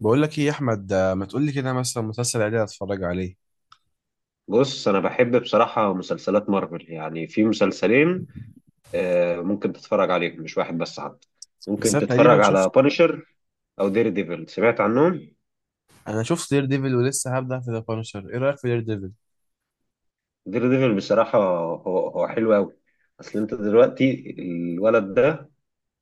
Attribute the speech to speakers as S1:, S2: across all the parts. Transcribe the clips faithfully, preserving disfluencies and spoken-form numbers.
S1: بقول لك ايه يا احمد، آه، ما تقول لي كده مثلا مسلسل عادي اتفرج عليه.
S2: بص انا بحب بصراحه مسلسلات مارفل يعني في مسلسلين، آه، ممكن تتفرج عليهم مش واحد بس. حتى
S1: بس
S2: ممكن
S1: انا تقريبا
S2: تتفرج على
S1: شفت.
S2: بانشر او دير ديفل. سمعت عنهم؟
S1: انا شفت دير ديفل ولسه هبدا في ذا بانشر. ايه رايك في دير ديفل؟
S2: دير ديفل بصراحه هو هو حلو قوي. اصل انت دلوقتي الولد ده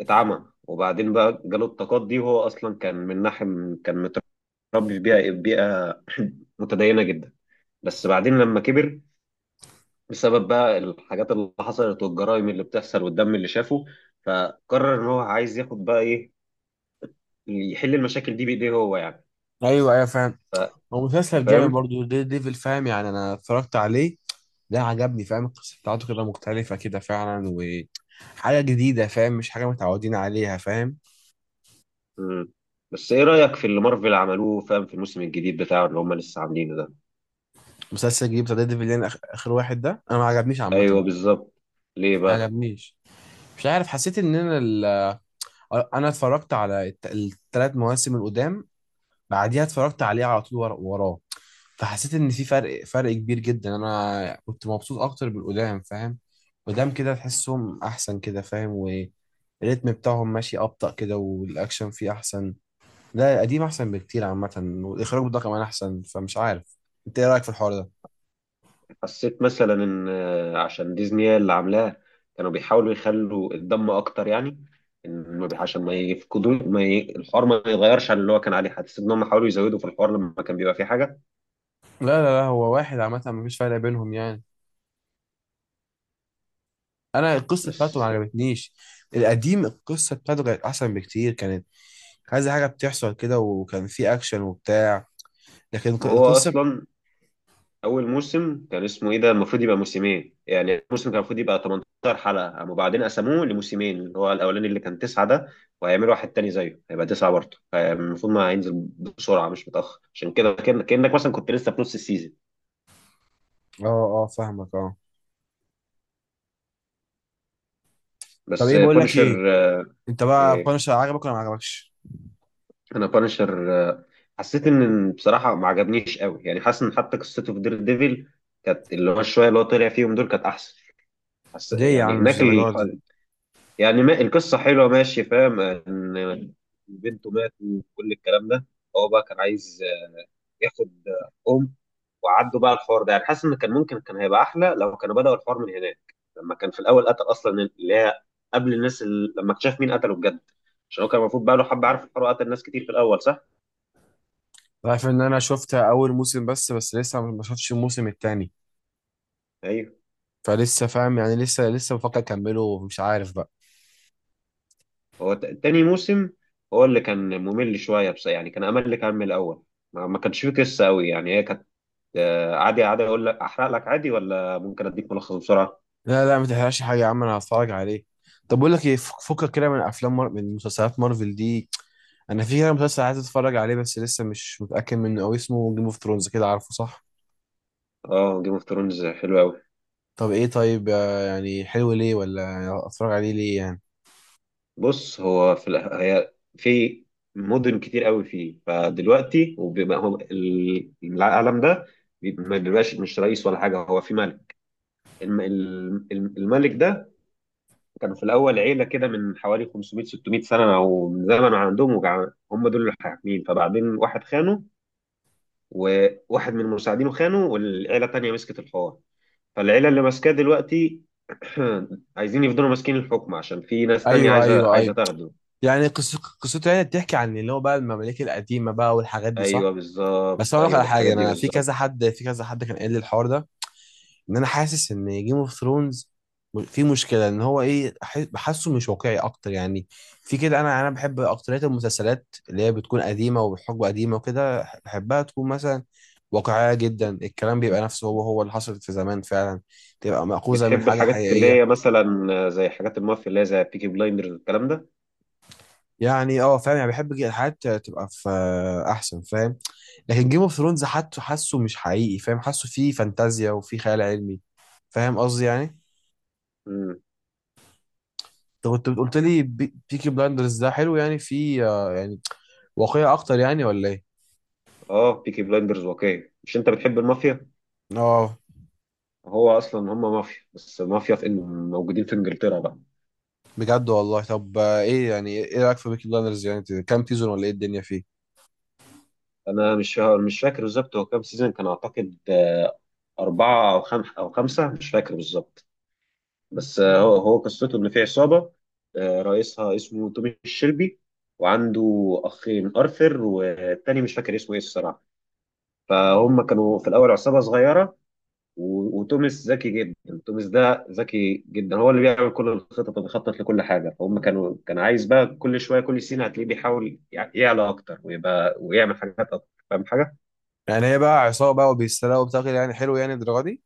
S2: اتعمى، وبعدين بقى جاله الطاقات دي، وهو اصلا كان من ناحيه كان متربي في بيئه بيئه متدينه جدا. بس بعدين لما كبر، بسبب بقى الحاجات اللي حصلت والجرائم اللي بتحصل والدم اللي شافه، فقرر ان هو عايز ياخد بقى ايه، يحل المشاكل دي بايديه هو يعني.
S1: ايوه ايوه، فاهم. هو مسلسل جامد
S2: فاهم.
S1: برضو دير ديفل، فاهم يعني. انا اتفرجت عليه ده، عجبني فاهم. القصه بتاعته كده مختلفه كده فعلا، وحاجه جديده فاهم، مش حاجه متعودين عليها فاهم.
S2: مم. بس ايه رأيك في اللي مارفل عملوه فاهم؟ في الموسم الجديد بتاعه اللي هم لسه عاملينه ده.
S1: مسلسل جديد بتاع دير ديفل اللي انا آخ- اخر واحد ده، انا ما عجبنيش عامه.
S2: ايوه بالظبط. ليه
S1: ما
S2: بقى؟
S1: عجبنيش. مش عارف، حسيت ان انا ال... انا اتفرجت على الت... الثلاث مواسم القدام، بعديها اتفرجت عليه على طول ورا- وراه. فحسيت ان في فرق فرق كبير جدا. انا كنت مبسوط اكتر بالقدام، فاهم. قدام كده تحسهم احسن كده، فاهم، والريتم بتاعهم ماشي ابطأ كده، والاكشن فيه احسن. لا، القديم احسن بكتير عامه. والاخراج ده كمان احسن، فمش عارف. انت ايه رايك في الحوار ده؟
S2: حسيت مثلا ان آه، عشان ديزني هي اللي عاملاه، كانوا بيحاولوا يخلوا الدم اكتر يعني. إن ما بي- عشان ما يفقدوا ما ي... الحوار ما يتغيرش عن اللي هو كان عليه. حسيت ان هم حاولوا يزودوا في الحوار لما كان بيبقى فيه حاجه.
S1: لا لا لا هو واحد عامه، مفيش فرق بينهم يعني. انا القصه بتاعته ما
S2: بس
S1: عجبتنيش. القديم القصه بتاعته كانت احسن بكتير. كانت عايزه حاجه بتحصل كده، وكان في اكشن وبتاع، لكن الق-
S2: ما هو
S1: القصه.
S2: اصلا اول موسم كان اسمه ايه ده المفروض يبقى موسمين يعني، الموسم كان المفروض يبقى ثمانية عشر حلقه، قاموا بعدين قسموه لموسمين اللي هو الاولاني اللي كان تسعه ده، وهيعملوا واحد تاني زيه هيبقى تسعه برضه. المفروض ما هينزل بسرعه، مش متاخر عشان كده. كأن- كانك مثلا كنت لسه في نص السيزون.
S1: اه، اه فاهمك، اه. طب
S2: بس
S1: ايه، بقول لك
S2: بانشر،
S1: ايه، انت بقى
S2: إيه،
S1: بانشر عجبك ولا ما عجبكش؟
S2: انا بانشر حسيت ان بصراحه ما عجبنيش قوي يعني. حاسس ان حتى قصته في دير ديفل كانت، اللي هو شويه اللي هو طلع فيهم دول كانت احسن. حس...
S1: ليه يا
S2: يعني
S1: عم، مش
S2: هناك،
S1: الدرجه دي.
S2: يعني ما القصة حلوة ماشي فاهم. إن بنته مات وكل الكلام ده، هو بقى كان عايز ياخد أم وعدوا بقى الحوار ده، يعني حاسس إن كان ممكن كان هيبقى أحلى لو كانوا بدأوا الحوار من هناك، لما كان في الأول قتل أصلا اللي هي قبل الناس، اللي لما اكتشف مين قتله بجد. عشان هو كان المفروض بقى له حبة، عارف الحوار، قتل ناس كتير في الأول صح؟
S1: أنا عارف ان انا شفتها اول موسم، بس بس لسه ما شفتش الموسم التاني.
S2: أيوه.
S1: فلسه فاهم يعني، لسه لسه بفكر اكمله ومش عارف بقى.
S2: هو ت- تاني موسم هو اللي كان ممل شوية، بس يعني كان أمل. كان من الأول ما ما كانش فيه قصة أوي يعني، هي كانت آه، عادي. عادي اقول لك احرق لك عادي ولا ممكن اديك ملخص بسرعه؟
S1: لا لا، ما تحرقش حاجه يا عم، انا هتفرج عليه. طب بقول لك ايه، فك- فكك كده من افلام مار... من مسلسلات مارفل دي. انا في كده مسلسل عايز اتفرج عليه بس لسه مش متاكد منه قوي، اسمه جيم اوف ثرونز كده، عارفه صح؟
S2: اه، جيم اوف ثرونز حلو قوي.
S1: طب ايه، طيب، آه، يعني حلو ليه؟ ولا اتفرج عليه ليه يعني؟
S2: بص هو في الأ- هي في مدن كتير قوي فيه، فدلوقتي وبيبقى هو ال- العالم ده بي- ما بيبقاش مش رئيس ولا حاجه، هو في ملك. الم- ال- ال- الملك ده كان في الاول عيله كده من حوالي خمسمائة ستمائة سنه او من زمن، عندهم وجع. هم دول اللي حاكمين، فبعدين واحد خانه، وواحد من مساعدينه خانه، والعيله التانيه مسكت الحوار. فالعيلة اللي ماسكاه دلوقتي عايزين يفضلوا ماسكين الحكم عشان في ناس تانية
S1: ايوه
S2: عايزة
S1: ايوه
S2: عايزة
S1: ايوه.
S2: تاخده.
S1: يعني قص- قصته يعني بتحكي عن اللي هو بقى المماليك القديمه بقى والحاجات دي صح؟
S2: ايوه
S1: بس
S2: بالظبط،
S1: اقول لك
S2: ايوه
S1: على حاجه،
S2: بالحاجات دي
S1: انا في كذا
S2: بالظبط.
S1: حد، في كذا حد كان قال لي الحوار ده، ان انا حاسس ان جيم اوف ثرونز في مشكله، ان هو ايه، أح- بحسه مش واقعي اكتر يعني. في كده، انا انا بحب اكتريه المسلسلات اللي هي بتكون قديمه وبحجم قديمه وكده، بحبها تكون مثلا واقعيه جدا، الكلام بيبقى نفسه، هو هو اللي حصلت في زمان فعلا، تبقى مأخوذه من
S2: بتحب
S1: حاجه
S2: الحاجات اللي هي
S1: حقيقيه.
S2: مثلا زي حاجات المافيا، اللي هي زي بيكي بلايندرز والكلام ده؟
S1: يعني اه فاهم يعني، بحب جي- الحاجات تبقى في احسن فاهم. لكن جيم اوف ثرونز حتى حاسه مش حقيقي، فاهم، حاسه فيه فانتازيا وفيه خيال علمي، فاهم قصدي يعني.
S2: امم.
S1: انت كنت قلت لي بيكي بلاندرز ده حلو، يعني فيه آه، يعني واقعية اكتر يعني ولا ايه؟
S2: اه، بيكي بلايندرز واقعي. مش انت بتحب المافيا؟
S1: اه،
S2: هو اصلا هم مافيا، بس مافيا في إن- موجودين في انجلترا بقى.
S1: بجد والله. طب آه، ايه يعني، ايه رايك في بيكي بلاندرز يعني، كام سيزون ولا ايه الدنيا فيه؟
S2: انا مش مش فاكر بالظبط هو كام سيزون، كان اعتقد اربعة او خمسة، او خمسة مش فاكر بالظبط. بس آه، هو هو قصته ان في عصابه، آه، رئيسها اسمه تومي الشلبي، وعنده اخين ارثر والتاني مش فاكر اسمه ايه الصراحه. فهم كانوا في الاول عصابه صغيره، و- وتوماس ذكي جدا، توماس ده ذكي جدا، هو اللي بيعمل كل الخطط وبيخطط لكل حاجه. فهم كانوا كان عايز بقى كل شويه كل سنه هتلاقيه بيحاول يع- يعلى اكتر ويبقى ويعمل حاجات اكتر فاهم حاجه.
S1: يعني هي بقى عصابه بقى وبيسرقوا وبتاكل يعني؟ حلو يعني الدرجه دي؟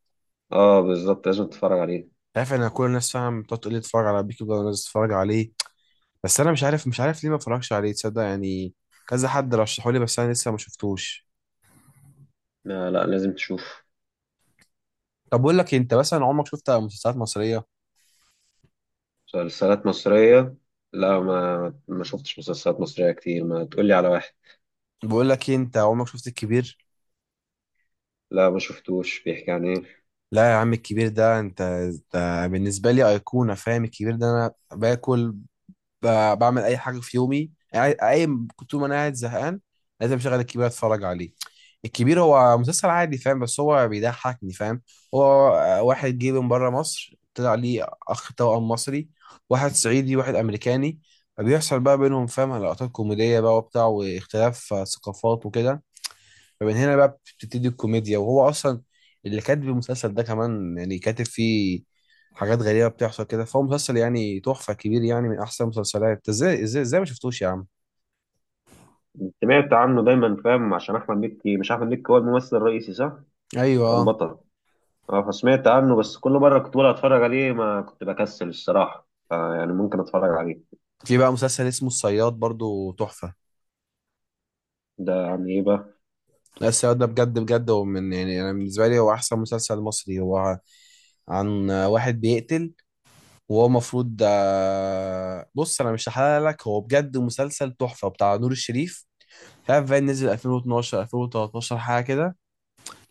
S2: اه بالظبط، لازم تتفرج عليه.
S1: عارف ان كل الناس فاهم بتقعد تقول لي اتفرج على بيكي بلاندرز، اتفرج عليه، بس انا مش عارف، مش عارف ليه ما اتفرجش عليه، تصدق يعني. كذا حد رشحه لي بس انا لسه ما شفتوش.
S2: لا لا، لازم تشوف.
S1: طب بقول لك إيه، انت مثلا عمرك شفت مسلسلات مصريه؟
S2: مسلسلات مصرية؟ لا، ما ما شفتش مسلسلات مصرية كتير. ما تقولي على واحد.
S1: بقول لك إيه، انت عمرك شفت الكبير؟
S2: لا ما شفتوش، بيحكي عن ايه؟
S1: لا يا عم الكبير ده، انت، ده بالنسبه لي ايقونه فاهم. الكبير ده انا باكل، ب- بعمل اي حاجه في يومي، قاعد- قايم، كنت طول ما انا قاعد زهقان لازم اشغل الكبير اتفرج عليه. الكبير هو مسلسل عادي فاهم، بس هو بيضحكني فاهم. هو واحد جه من بره مصر، طلع ليه اخ توأم مصري، واحد صعيدي واحد امريكاني، فبيحصل بقى بينهم فاهم لقطات كوميديه بقى وبتاع، واختلاف ثقافات وكده. فمن هنا بقى بتبتدي الكوميديا. وهو اصلا اللي كاتب المسلسل ده كمان يعني، كاتب فيه حاجات غريبه بتحصل كده. فهو مسلسل يعني تحفه كبير يعني، من احسن المسلسلات. ازاي ازاي ازاي ما شفتوش يا عم؟
S2: سمعت عنه دايما فاهم، عشان احمد مكي، مش احمد مكي هو الممثل الرئيسي صح؟
S1: ايوه
S2: أو
S1: آه.
S2: البطل. اه فسمعت عنه، بس كل مرة كنت بقول اتفرج عليه ما كنت بكسل الصراحة، فيعني ممكن اتفرج عليه.
S1: في بقى مسلسل اسمه الصياد برضو تحفه.
S2: ده عن ايه بقى؟
S1: لا الصياد ده بجد بجد، هو من يعني، انا بالنسبه لي هو احسن مسلسل مصري. هو عن واحد بيقتل، وهو المفروض آه، بص انا مش هحلل لك، هو بجد مسلسل تحفه، بتاع نور الشريف، مش عارف بقى نزل الفين واتناشر الفين وتلتاشر حاجه كده.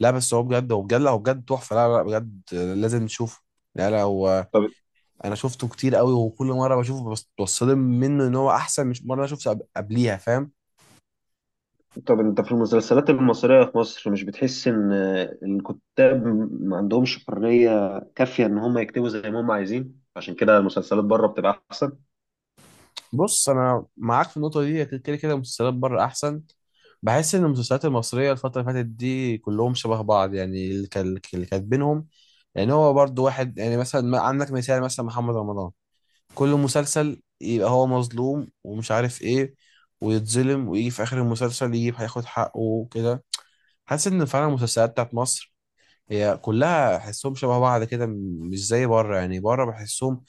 S1: لا بس هو بجد، هو بجد، لا هو بجد تحفه، لا لا بجد، آه، لازم نشوفه. لا لا هو
S2: طب
S1: انا شفته كتير قوي، وكل مره بشوفه بس بتصدم منه ان هو احسن، مش مره انا شفته قب- قبليها فاهم.
S2: طب انت في المسلسلات المصرية في مصر، مش بتحس ان الكتاب ما عندهمش حرية كافية ان هم يكتبوا زي ما هم عايزين، عشان كده المسلسلات بره بتبقى احسن؟
S1: بص انا معاك في النقطه دي، كده كده المسلسلات بره احسن. بحس ان المسلسلات المصريه الفتره اللي فاتت دي كلهم شبه بعض يعني، اللي كان- اللي كاتبينهم يعني هو برضو واحد يعني، مثلا، ما- عندك مثال مثلا محمد رمضان، كل مسلسل يبقى هو مظلوم ومش عارف ايه، ويتظلم ويجي في اخر المسلسل يجيب هياخد حقه وكده. حاسس ان فعلا المسلسلات بتاعت مصر هي كلها احسهم شبه بعض كده، م- مش زي بره يعني. بره بحسهم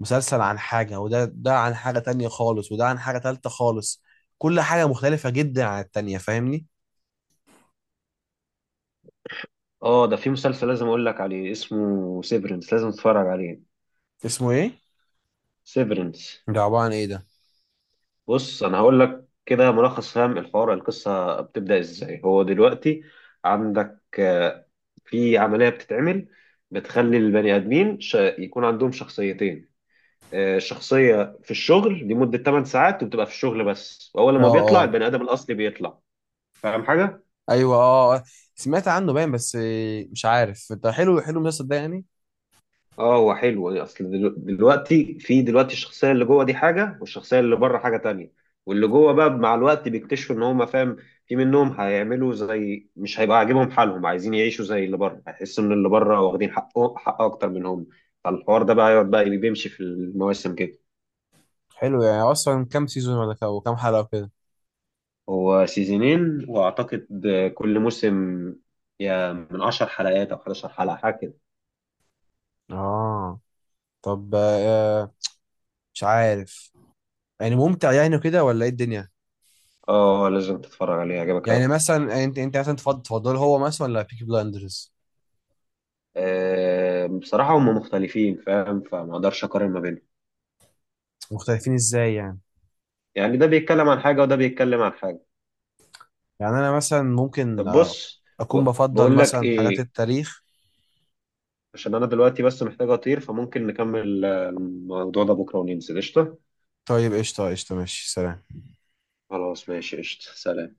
S1: مسلسل عن حاجه، وده ده عن حاجه تانية خالص، وده عن حاجه تالتة خالص، كل حاجه مختلفه جدا عن التانية فاهمني.
S2: اه، ده في مسلسل لازم اقول لك عليه اسمه سيفرنس، لازم تتفرج عليه.
S1: اسمه ايه
S2: سيفرنس.
S1: ده؟ عباره عن ايه ده؟
S2: بص انا هقول لك كده ملخص فاهم الحوار، القصه بتبدا ازاي. هو دلوقتي عندك آه، في عمليه بتتعمل، بتخلي البني ادمين ش... يكون عندهم شخصيتين. آه، شخصيه في الشغل لمده تمن ساعات، وبتبقى في الشغل بس، واول
S1: اه
S2: ما بيطلع
S1: اه
S2: البني ادم الاصلي بيطلع، فاهم حاجه.
S1: ايوه اه آه. سمعت عنه باين، بس آه، مش عارف ده حلو، حلو المسلسل ده يعني؟
S2: اه هو حلو. إيه، اصل دلو- دلوقتي، في دلوقتي الشخصيه اللي جوه دي حاجه، والشخصيه اللي بره حاجه تانية. واللي جوه بقى مع الوقت بيكتشفوا ان هم فاهم، في منهم هيعملوا زي، مش هيبقى عاجبهم حالهم، عايزين يعيشوا زي اللي بره، هيحسوا ان اللي بره واخدين حقه حق اكتر منهم. فالحوار ده بقى يقعد بقى بيمشي في المواسم كده.
S1: حلو يعني، اصلا كام سيزون ولا كا- وكام حلقه وكده؟
S2: هو سيزونين واعتقد، كل موسم يا من عشر حلقات او أحد عشر حلقه حاجه كده.
S1: اه، طب آه، مش عارف، يعني ممتع يعني كده ولا ايه الدنيا؟
S2: اه لازم تتفرج عليه هيعجبك
S1: يعني
S2: أوي.
S1: مثلا يعني، انت انت مثلا تفضل، تفضل هو مثلا ولا بيكي بلايندرز؟
S2: آه، بصراحة هم مختلفين فاهم، فما اقدرش اقارن ما بينهم.
S1: مختلفين ازاي يعني؟
S2: يعني ده بيتكلم عن حاجة وده بيتكلم عن حاجة.
S1: يعني انا مثلا ممكن
S2: طب
S1: آه،
S2: بص،
S1: اكون
S2: ب-
S1: بفضل
S2: بقول لك
S1: مثلا حاجات
S2: ايه،
S1: التاريخ.
S2: عشان انا دلوقتي بس محتاج اطير، فممكن نكمل آه، الموضوع ده بكرة وننزل قشطة.
S1: طيب، قشطه قشطه ماشي، سلام.
S2: خلاص ماشي قشطة، سلام.